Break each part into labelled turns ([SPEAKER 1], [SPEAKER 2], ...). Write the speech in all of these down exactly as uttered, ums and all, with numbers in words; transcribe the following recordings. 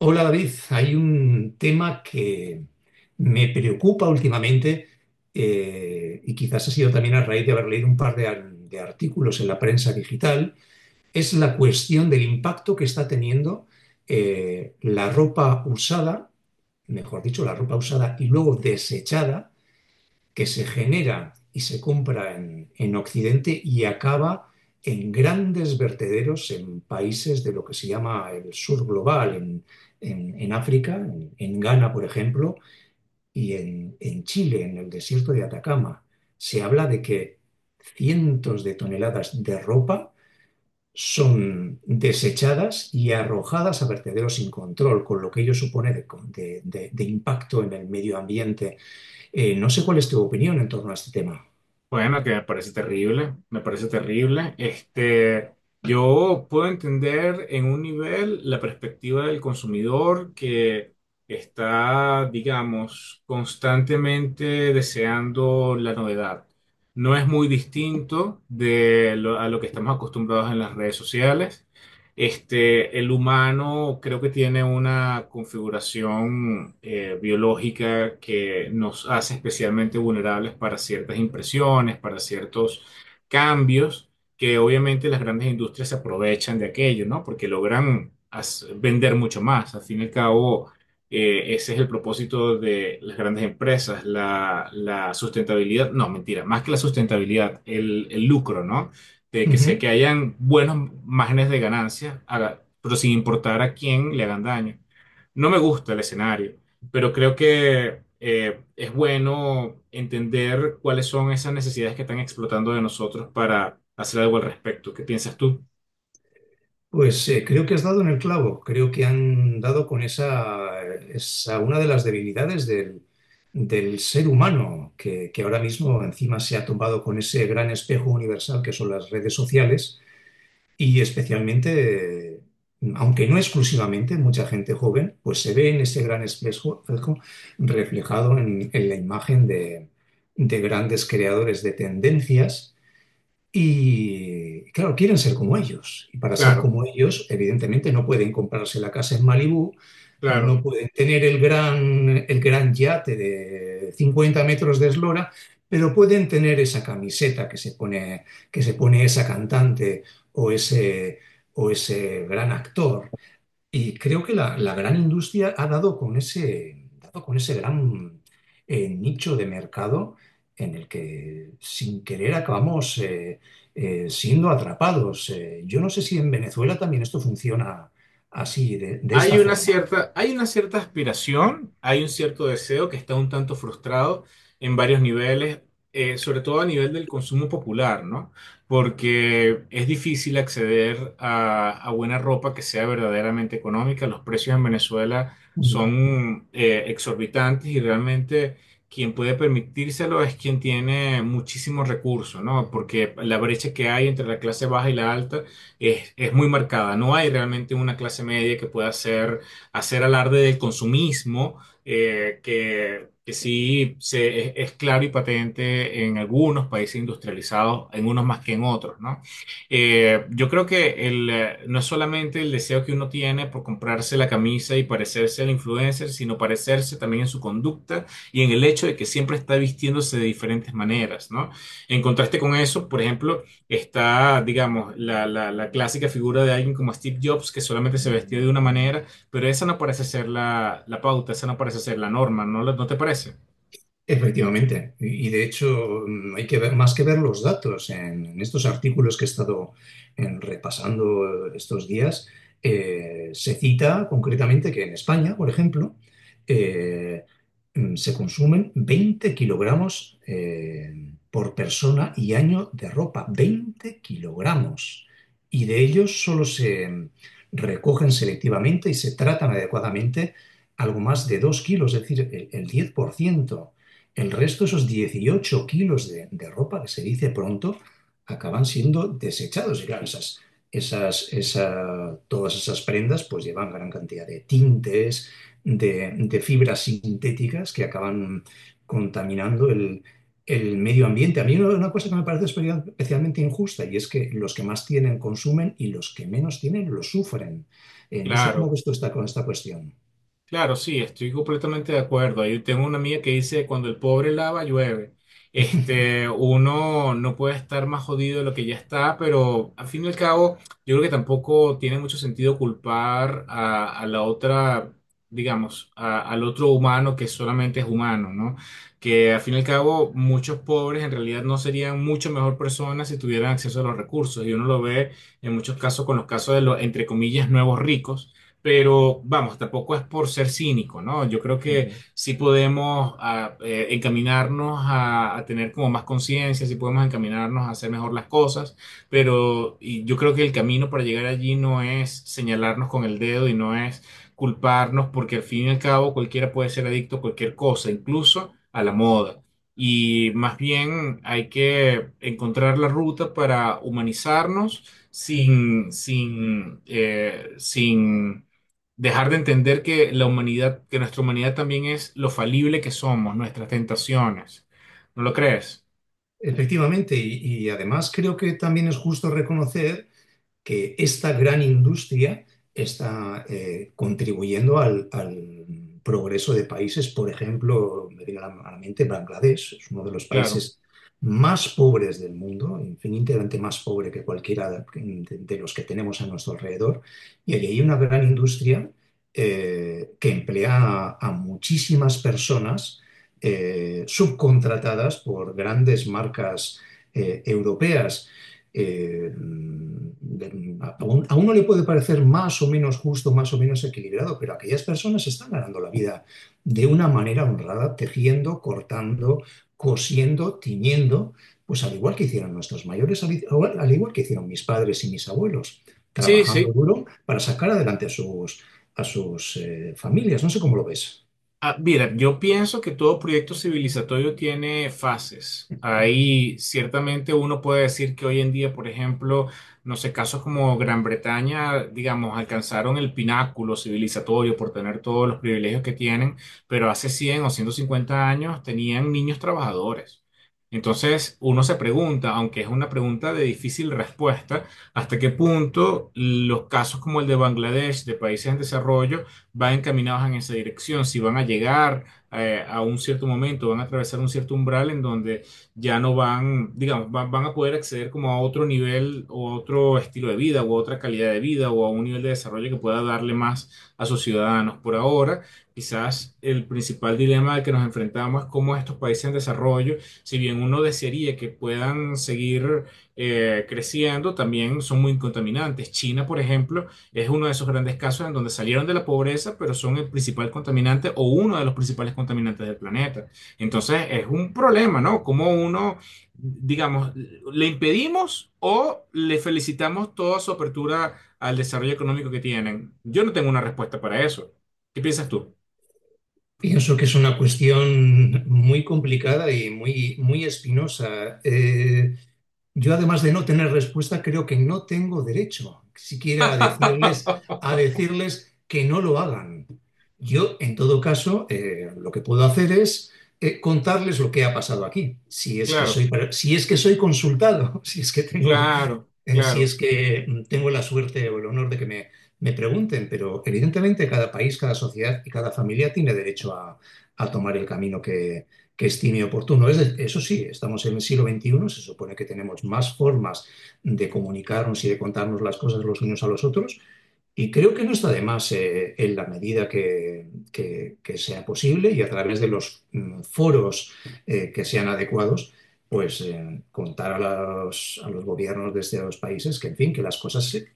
[SPEAKER 1] Hola David, hay un tema que me preocupa últimamente, eh, y quizás ha sido también a raíz de haber leído un par de, ar- de artículos en la prensa digital. Es la cuestión del impacto que está teniendo eh, la ropa usada. Mejor dicho, la ropa usada y luego desechada que se genera y se compra en en Occidente y acaba en grandes vertederos en países de lo que se llama el sur global, en en, en África, en, en, Ghana, por ejemplo, y en en Chile, en el desierto de Atacama. Se habla de que cientos de toneladas de ropa son desechadas y arrojadas a vertederos sin control, con lo que ello supone de, de, de de impacto en el medio ambiente. Eh, no sé cuál es tu opinión en torno a este tema.
[SPEAKER 2] Bueno, que me parece terrible, me parece terrible. Este, yo puedo entender en un nivel la perspectiva del consumidor que está, digamos, constantemente deseando la novedad. No es muy distinto de lo- a lo que estamos acostumbrados en las redes sociales. Este, el humano creo que tiene una configuración eh, biológica que nos hace especialmente vulnerables para ciertas impresiones, para ciertos cambios, que obviamente las grandes industrias se aprovechan de aquello, ¿no? Porque logran as- vender mucho más. Al fin y al cabo, eh, ese es el propósito de las grandes empresas, la, la sustentabilidad, no, mentira, más que la sustentabilidad, el, el lucro, ¿no? De que sea
[SPEAKER 1] Ujú.
[SPEAKER 2] que hayan buenos márgenes de ganancia, haga- pero sin importar a quién le hagan daño. No me gusta el escenario, pero creo que eh, es bueno entender cuáles son esas necesidades que están explotando de nosotros para hacer algo al respecto. ¿Qué piensas tú?
[SPEAKER 1] Pues, eh, creo que has dado en el clavo, creo que han dado con esa, esa una de las debilidades del, del ser humano, que, que ahora mismo encima se ha tomado con ese gran espejo universal que son las redes sociales, y especialmente, eh, aunque no exclusivamente, mucha gente joven pues se ve en ese gran espejo espejo reflejado en en la imagen de de grandes creadores de tendencias. Y claro, quieren ser como ellos. Y para ser
[SPEAKER 2] Claro,
[SPEAKER 1] como ellos, evidentemente no pueden comprarse la casa en Malibú,
[SPEAKER 2] claro.
[SPEAKER 1] no pueden tener el gran, el gran yate de cincuenta metros de eslora, pero pueden tener esa camiseta que se pone, que se pone esa cantante o ese, o ese gran actor. Y creo que la, la gran industria ha dado con ese, dado con ese gran, eh, nicho de mercado en el que sin querer acabamos, eh, eh, siendo atrapados. Eh, yo no sé si en Venezuela también esto funciona así, de, de
[SPEAKER 2] Hay
[SPEAKER 1] esta
[SPEAKER 2] una
[SPEAKER 1] forma.
[SPEAKER 2] cierta, hay una cierta aspiración, hay un cierto deseo que está un tanto frustrado en varios niveles, eh, sobre todo a nivel del consumo popular, ¿no? Porque es difícil acceder a, a buena ropa que sea verdaderamente económica. Los precios en Venezuela son eh, exorbitantes y realmente quien puede permitírselo es quien tiene muchísimos recursos, ¿no? Porque la brecha que hay entre la clase baja y la alta es, es muy marcada. No hay realmente una clase media que pueda hacer, hacer alarde del consumismo, eh, que, que sí se, es, es claro y patente en algunos países industrializados, en unos más que en otros, ¿no? Eh, yo creo que el, eh, no es solamente el deseo que uno tiene por comprarse la camisa y parecerse al influencer, sino parecerse también en su conducta y en el hecho de que siempre está vistiéndose de diferentes maneras, ¿no? En contraste con eso, por ejemplo, está, digamos, la, la, la clásica figura de alguien como Steve Jobs, que solamente se vestía de una manera, pero esa no parece ser la, la pauta, esa no parece ser la norma, ¿no, lo- no te parece?
[SPEAKER 1] Efectivamente, y y de hecho, mm, hay que ver, más que ver los datos en en estos artículos que he estado, en, repasando, eh, estos días. Eh, se cita concretamente que en España, por ejemplo, eh, mm, se consumen veinte kilogramos eh, por persona y año de ropa. Veinte kilogramos, y de ellos solo se, mm, recogen selectivamente y se tratan adecuadamente algo más de dos kilos, es decir, el, el diez por ciento. El resto, esos dieciocho kilos de, de ropa, que se dice pronto, acaban siendo desechados. Y claro, esas, esas, esa- todas esas prendas pues llevan gran cantidad de tintes, de, de fibras sintéticas que acaban contaminando el, el medio ambiente. A mí una, una cosa que me parece espe- especialmente injusta y es que los que más tienen consumen y los que menos tienen lo sufren. Eh, no sé cómo
[SPEAKER 2] Claro.
[SPEAKER 1] ves tú esta, con esta cuestión.
[SPEAKER 2] Claro, sí, estoy completamente de acuerdo. Yo tengo una amiga que dice, cuando el pobre lava, llueve. Este, uno no puede estar más jodido de lo que ya está, pero al fin y al cabo, yo creo que tampoco tiene mucho sentido culpar a, a la otra, digamos, a- al otro humano que solamente es humano, ¿no? Que al fin y al cabo, muchos pobres en realidad no serían mucho mejor personas si tuvieran acceso a los recursos. Y uno lo ve en muchos casos con los casos de los, entre comillas, nuevos ricos. Pero vamos, tampoco es por ser cínico, ¿no? Yo creo que sí podemos ah, eh, encaminarnos a, a tener como más conciencia, sí podemos encaminarnos a hacer mejor las cosas, pero y yo creo que el camino para llegar allí no es señalarnos con el dedo y no es culparnos, porque al fin y al cabo cualquiera puede ser adicto a cualquier cosa, incluso a la moda. Y más bien hay que encontrar la ruta para humanizarnos sin, sin, eh, sin dejar de entender que la humanidad, que nuestra humanidad también es lo falible que somos, nuestras tentaciones. ¿No lo crees?
[SPEAKER 1] Efectivamente, y, y además creo que también es justo reconocer que esta gran industria está, eh, contribuyendo al, al, progreso de países. Por ejemplo, me viene a la mente Bangladesh, es uno de los
[SPEAKER 2] Claro.
[SPEAKER 1] países más pobres del mundo, infinitamente más pobre que cualquiera de, de los que tenemos a nuestro alrededor, y allí hay una gran industria eh, que emplea a, a muchísimas personas, eh, subcontratadas por grandes marcas eh, europeas. Eh, de- a, un- a uno le puede parecer más o menos justo, más o menos equilibrado, pero aquellas personas están ganando la vida de una manera honrada, tejiendo, cortando, cosiendo, tiñendo, pues al igual que hicieron nuestros mayores, al, igual al igual que hicieron mis padres y mis abuelos,
[SPEAKER 2] Sí,
[SPEAKER 1] trabajando
[SPEAKER 2] sí.
[SPEAKER 1] duro para sacar adelante a sus, a sus eh, familias. No sé cómo lo ves.
[SPEAKER 2] Ah, mira, yo pienso que todo proyecto civilizatorio tiene fases. Ahí ciertamente uno puede decir que hoy en día, por ejemplo, no sé, casos como Gran Bretaña, digamos, alcanzaron el pináculo civilizatorio por tener todos los privilegios que tienen, pero hace cien o ciento cincuenta años tenían niños trabajadores. Entonces, uno se pregunta, aunque es una pregunta de difícil respuesta, hasta qué punto los casos como el de Bangladesh, de países en desarrollo, van encaminados en esa dirección, si van a llegar eh, a un cierto momento, van a atravesar un cierto umbral en donde ya no van, digamos, van, van a poder acceder como a otro nivel o a otro estilo de vida o a otra calidad de vida o a un nivel de desarrollo que pueda darle más a sus ciudadanos. Por ahora, quizás el principal dilema al que nos enfrentamos es cómo estos países en desarrollo, si bien uno desearía que puedan seguir eh, creciendo, también son muy contaminantes. China, por ejemplo, es uno de esos grandes casos en donde salieron de la pobreza, pero son el principal contaminante o uno de los principales contaminantes del planeta. Entonces es un problema, ¿no? Como uno, digamos, le impedimos o le felicitamos toda su apertura al desarrollo económico que tienen. Yo no tengo una respuesta para eso. ¿Qué piensas tú?
[SPEAKER 1] Pienso que es una cuestión muy complicada y muy, muy espinosa. Eh, Yo, además de no tener respuesta, creo que no tengo derecho siquiera a decirles, a decirles que no lo hagan. Yo, en todo caso, eh, lo que puedo hacer es, eh, contarles lo que ha pasado aquí, si es que soy,
[SPEAKER 2] Claro,
[SPEAKER 1] si es que soy consultado, si es que tengo
[SPEAKER 2] claro,
[SPEAKER 1] eh, si es
[SPEAKER 2] claro.
[SPEAKER 1] que, mm, tengo la suerte o el honor de que me, me pregunten. Pero evidentemente cada país, cada sociedad y cada familia tiene derecho a, a tomar el camino que, que estime oportuno. Es de- eso sí, estamos en el siglo veintiuno, se supone que tenemos más formas de comunicarnos y de contarnos las cosas los unos a los otros, y creo que no está de más, eh, en la medida que, que- que sea posible y a través de los, mm, foros eh, que sean adecuados, pues, eh, contar a los, a los gobiernos de estos países que, en fin, que las cosas se-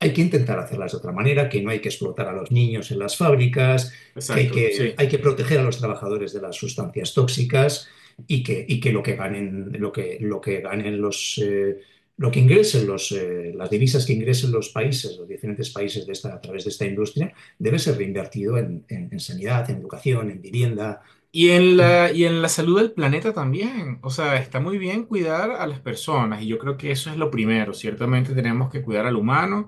[SPEAKER 1] hay que intentar hacerlas de otra manera, que no hay que explotar a los niños en las fábricas, que hay
[SPEAKER 2] Exacto,
[SPEAKER 1] que,
[SPEAKER 2] sí.
[SPEAKER 1] hay que proteger a los trabajadores de las sustancias tóxicas, y que, y que lo que ganen, lo que, lo que ganen los, eh, lo que ingresen los, eh, las divisas que ingresen los países, los diferentes países de esta, a través de esta industria, debe ser reinvertido en, en, en sanidad, en educación, en vivienda.
[SPEAKER 2] Y en la, y en la salud del planeta también. O sea, está muy bien cuidar a las personas y yo creo que eso es lo primero. Ciertamente tenemos que cuidar al humano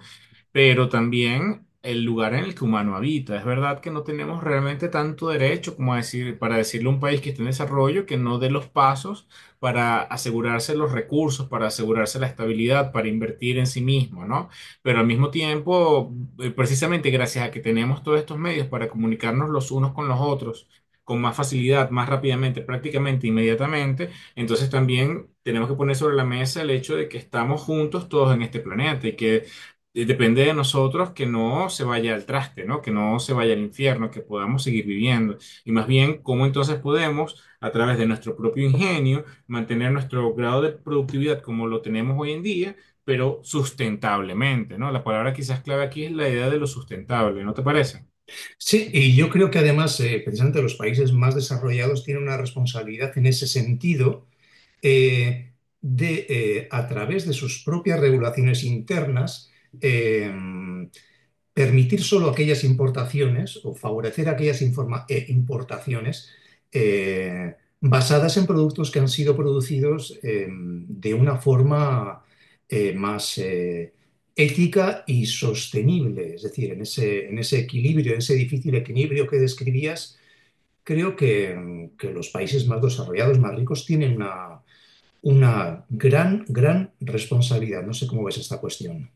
[SPEAKER 2] pero también el lugar en el que humano habita. Es verdad que no tenemos realmente tanto derecho como a decir, para decirle a un país que está en desarrollo que no dé los pasos para asegurarse los recursos, para asegurarse la estabilidad, para invertir en sí mismo, ¿no? Pero al mismo tiempo, eh, precisamente gracias a que tenemos todos estos medios para comunicarnos los unos con los otros, con más facilidad, más rápidamente, prácticamente inmediatamente, entonces también tenemos que poner sobre la mesa el hecho de que estamos juntos todos en este planeta y que y Depende de nosotros que no se vaya al traste, ¿no? Que no se vaya al infierno, que podamos seguir viviendo. Y más bien, ¿cómo entonces podemos, a través de nuestro propio ingenio, mantener nuestro grado de productividad como lo tenemos hoy en día, pero sustentablemente? ¿No? La palabra quizás clave aquí es la idea de lo sustentable, ¿no te parece?
[SPEAKER 1] Sí, y yo creo que además, eh, precisamente los países más desarrollados tienen una responsabilidad en ese sentido, eh, de, eh, a través de sus propias regulaciones internas, eh, permitir solo aquellas importaciones o favorecer aquellas informa- eh, importaciones, eh, basadas en productos que han sido producidos, eh, de una forma, eh, más eh, ética y sostenible. Es decir, en ese, en ese equilibrio, en ese difícil equilibrio que describías, creo que, em, que los países más desarrollados, más ricos, tienen una, una gran, gran responsabilidad. No sé cómo ves esta cuestión.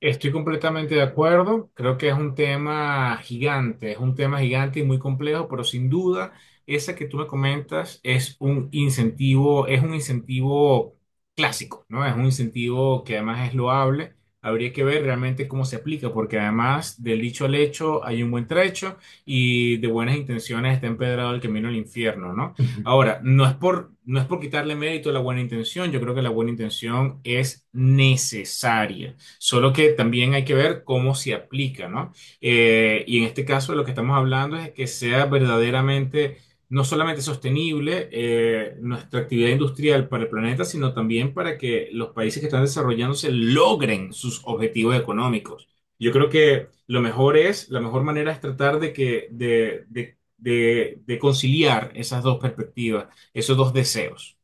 [SPEAKER 2] Estoy completamente de acuerdo. Creo que es un tema gigante, es un tema gigante y muy complejo, pero sin duda, esa que tú me comentas es un incentivo, es un incentivo clásico, ¿no? Es un incentivo que además es loable. Habría que ver realmente cómo se aplica, porque además del dicho al hecho hay un buen trecho y de buenas intenciones está empedrado el camino al infierno, ¿no? Ahora, no es por, no es por quitarle mérito a la buena intención, yo creo que la buena intención es necesaria. Solo que también hay que ver cómo se aplica, ¿no? Eh, y en este caso lo que estamos hablando es que sea verdaderamente, no solamente sostenible eh, nuestra actividad industrial para el planeta, sino también para que los países que están desarrollándose logren sus objetivos económicos. Yo creo que lo mejor es, la mejor manera es tratar de que, de, de, de de conciliar esas dos perspectivas, esos dos deseos.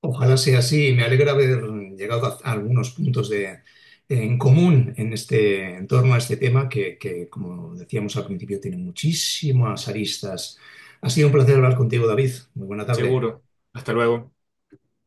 [SPEAKER 1] Ojalá sea así. Me alegra haber llegado a a algunos puntos de, en común en este, en torno a este tema que, que, como decíamos al principio, tiene muchísimas aristas. Ha sido un placer hablar contigo, David. Muy buena tarde.
[SPEAKER 2] Seguro. Hasta luego.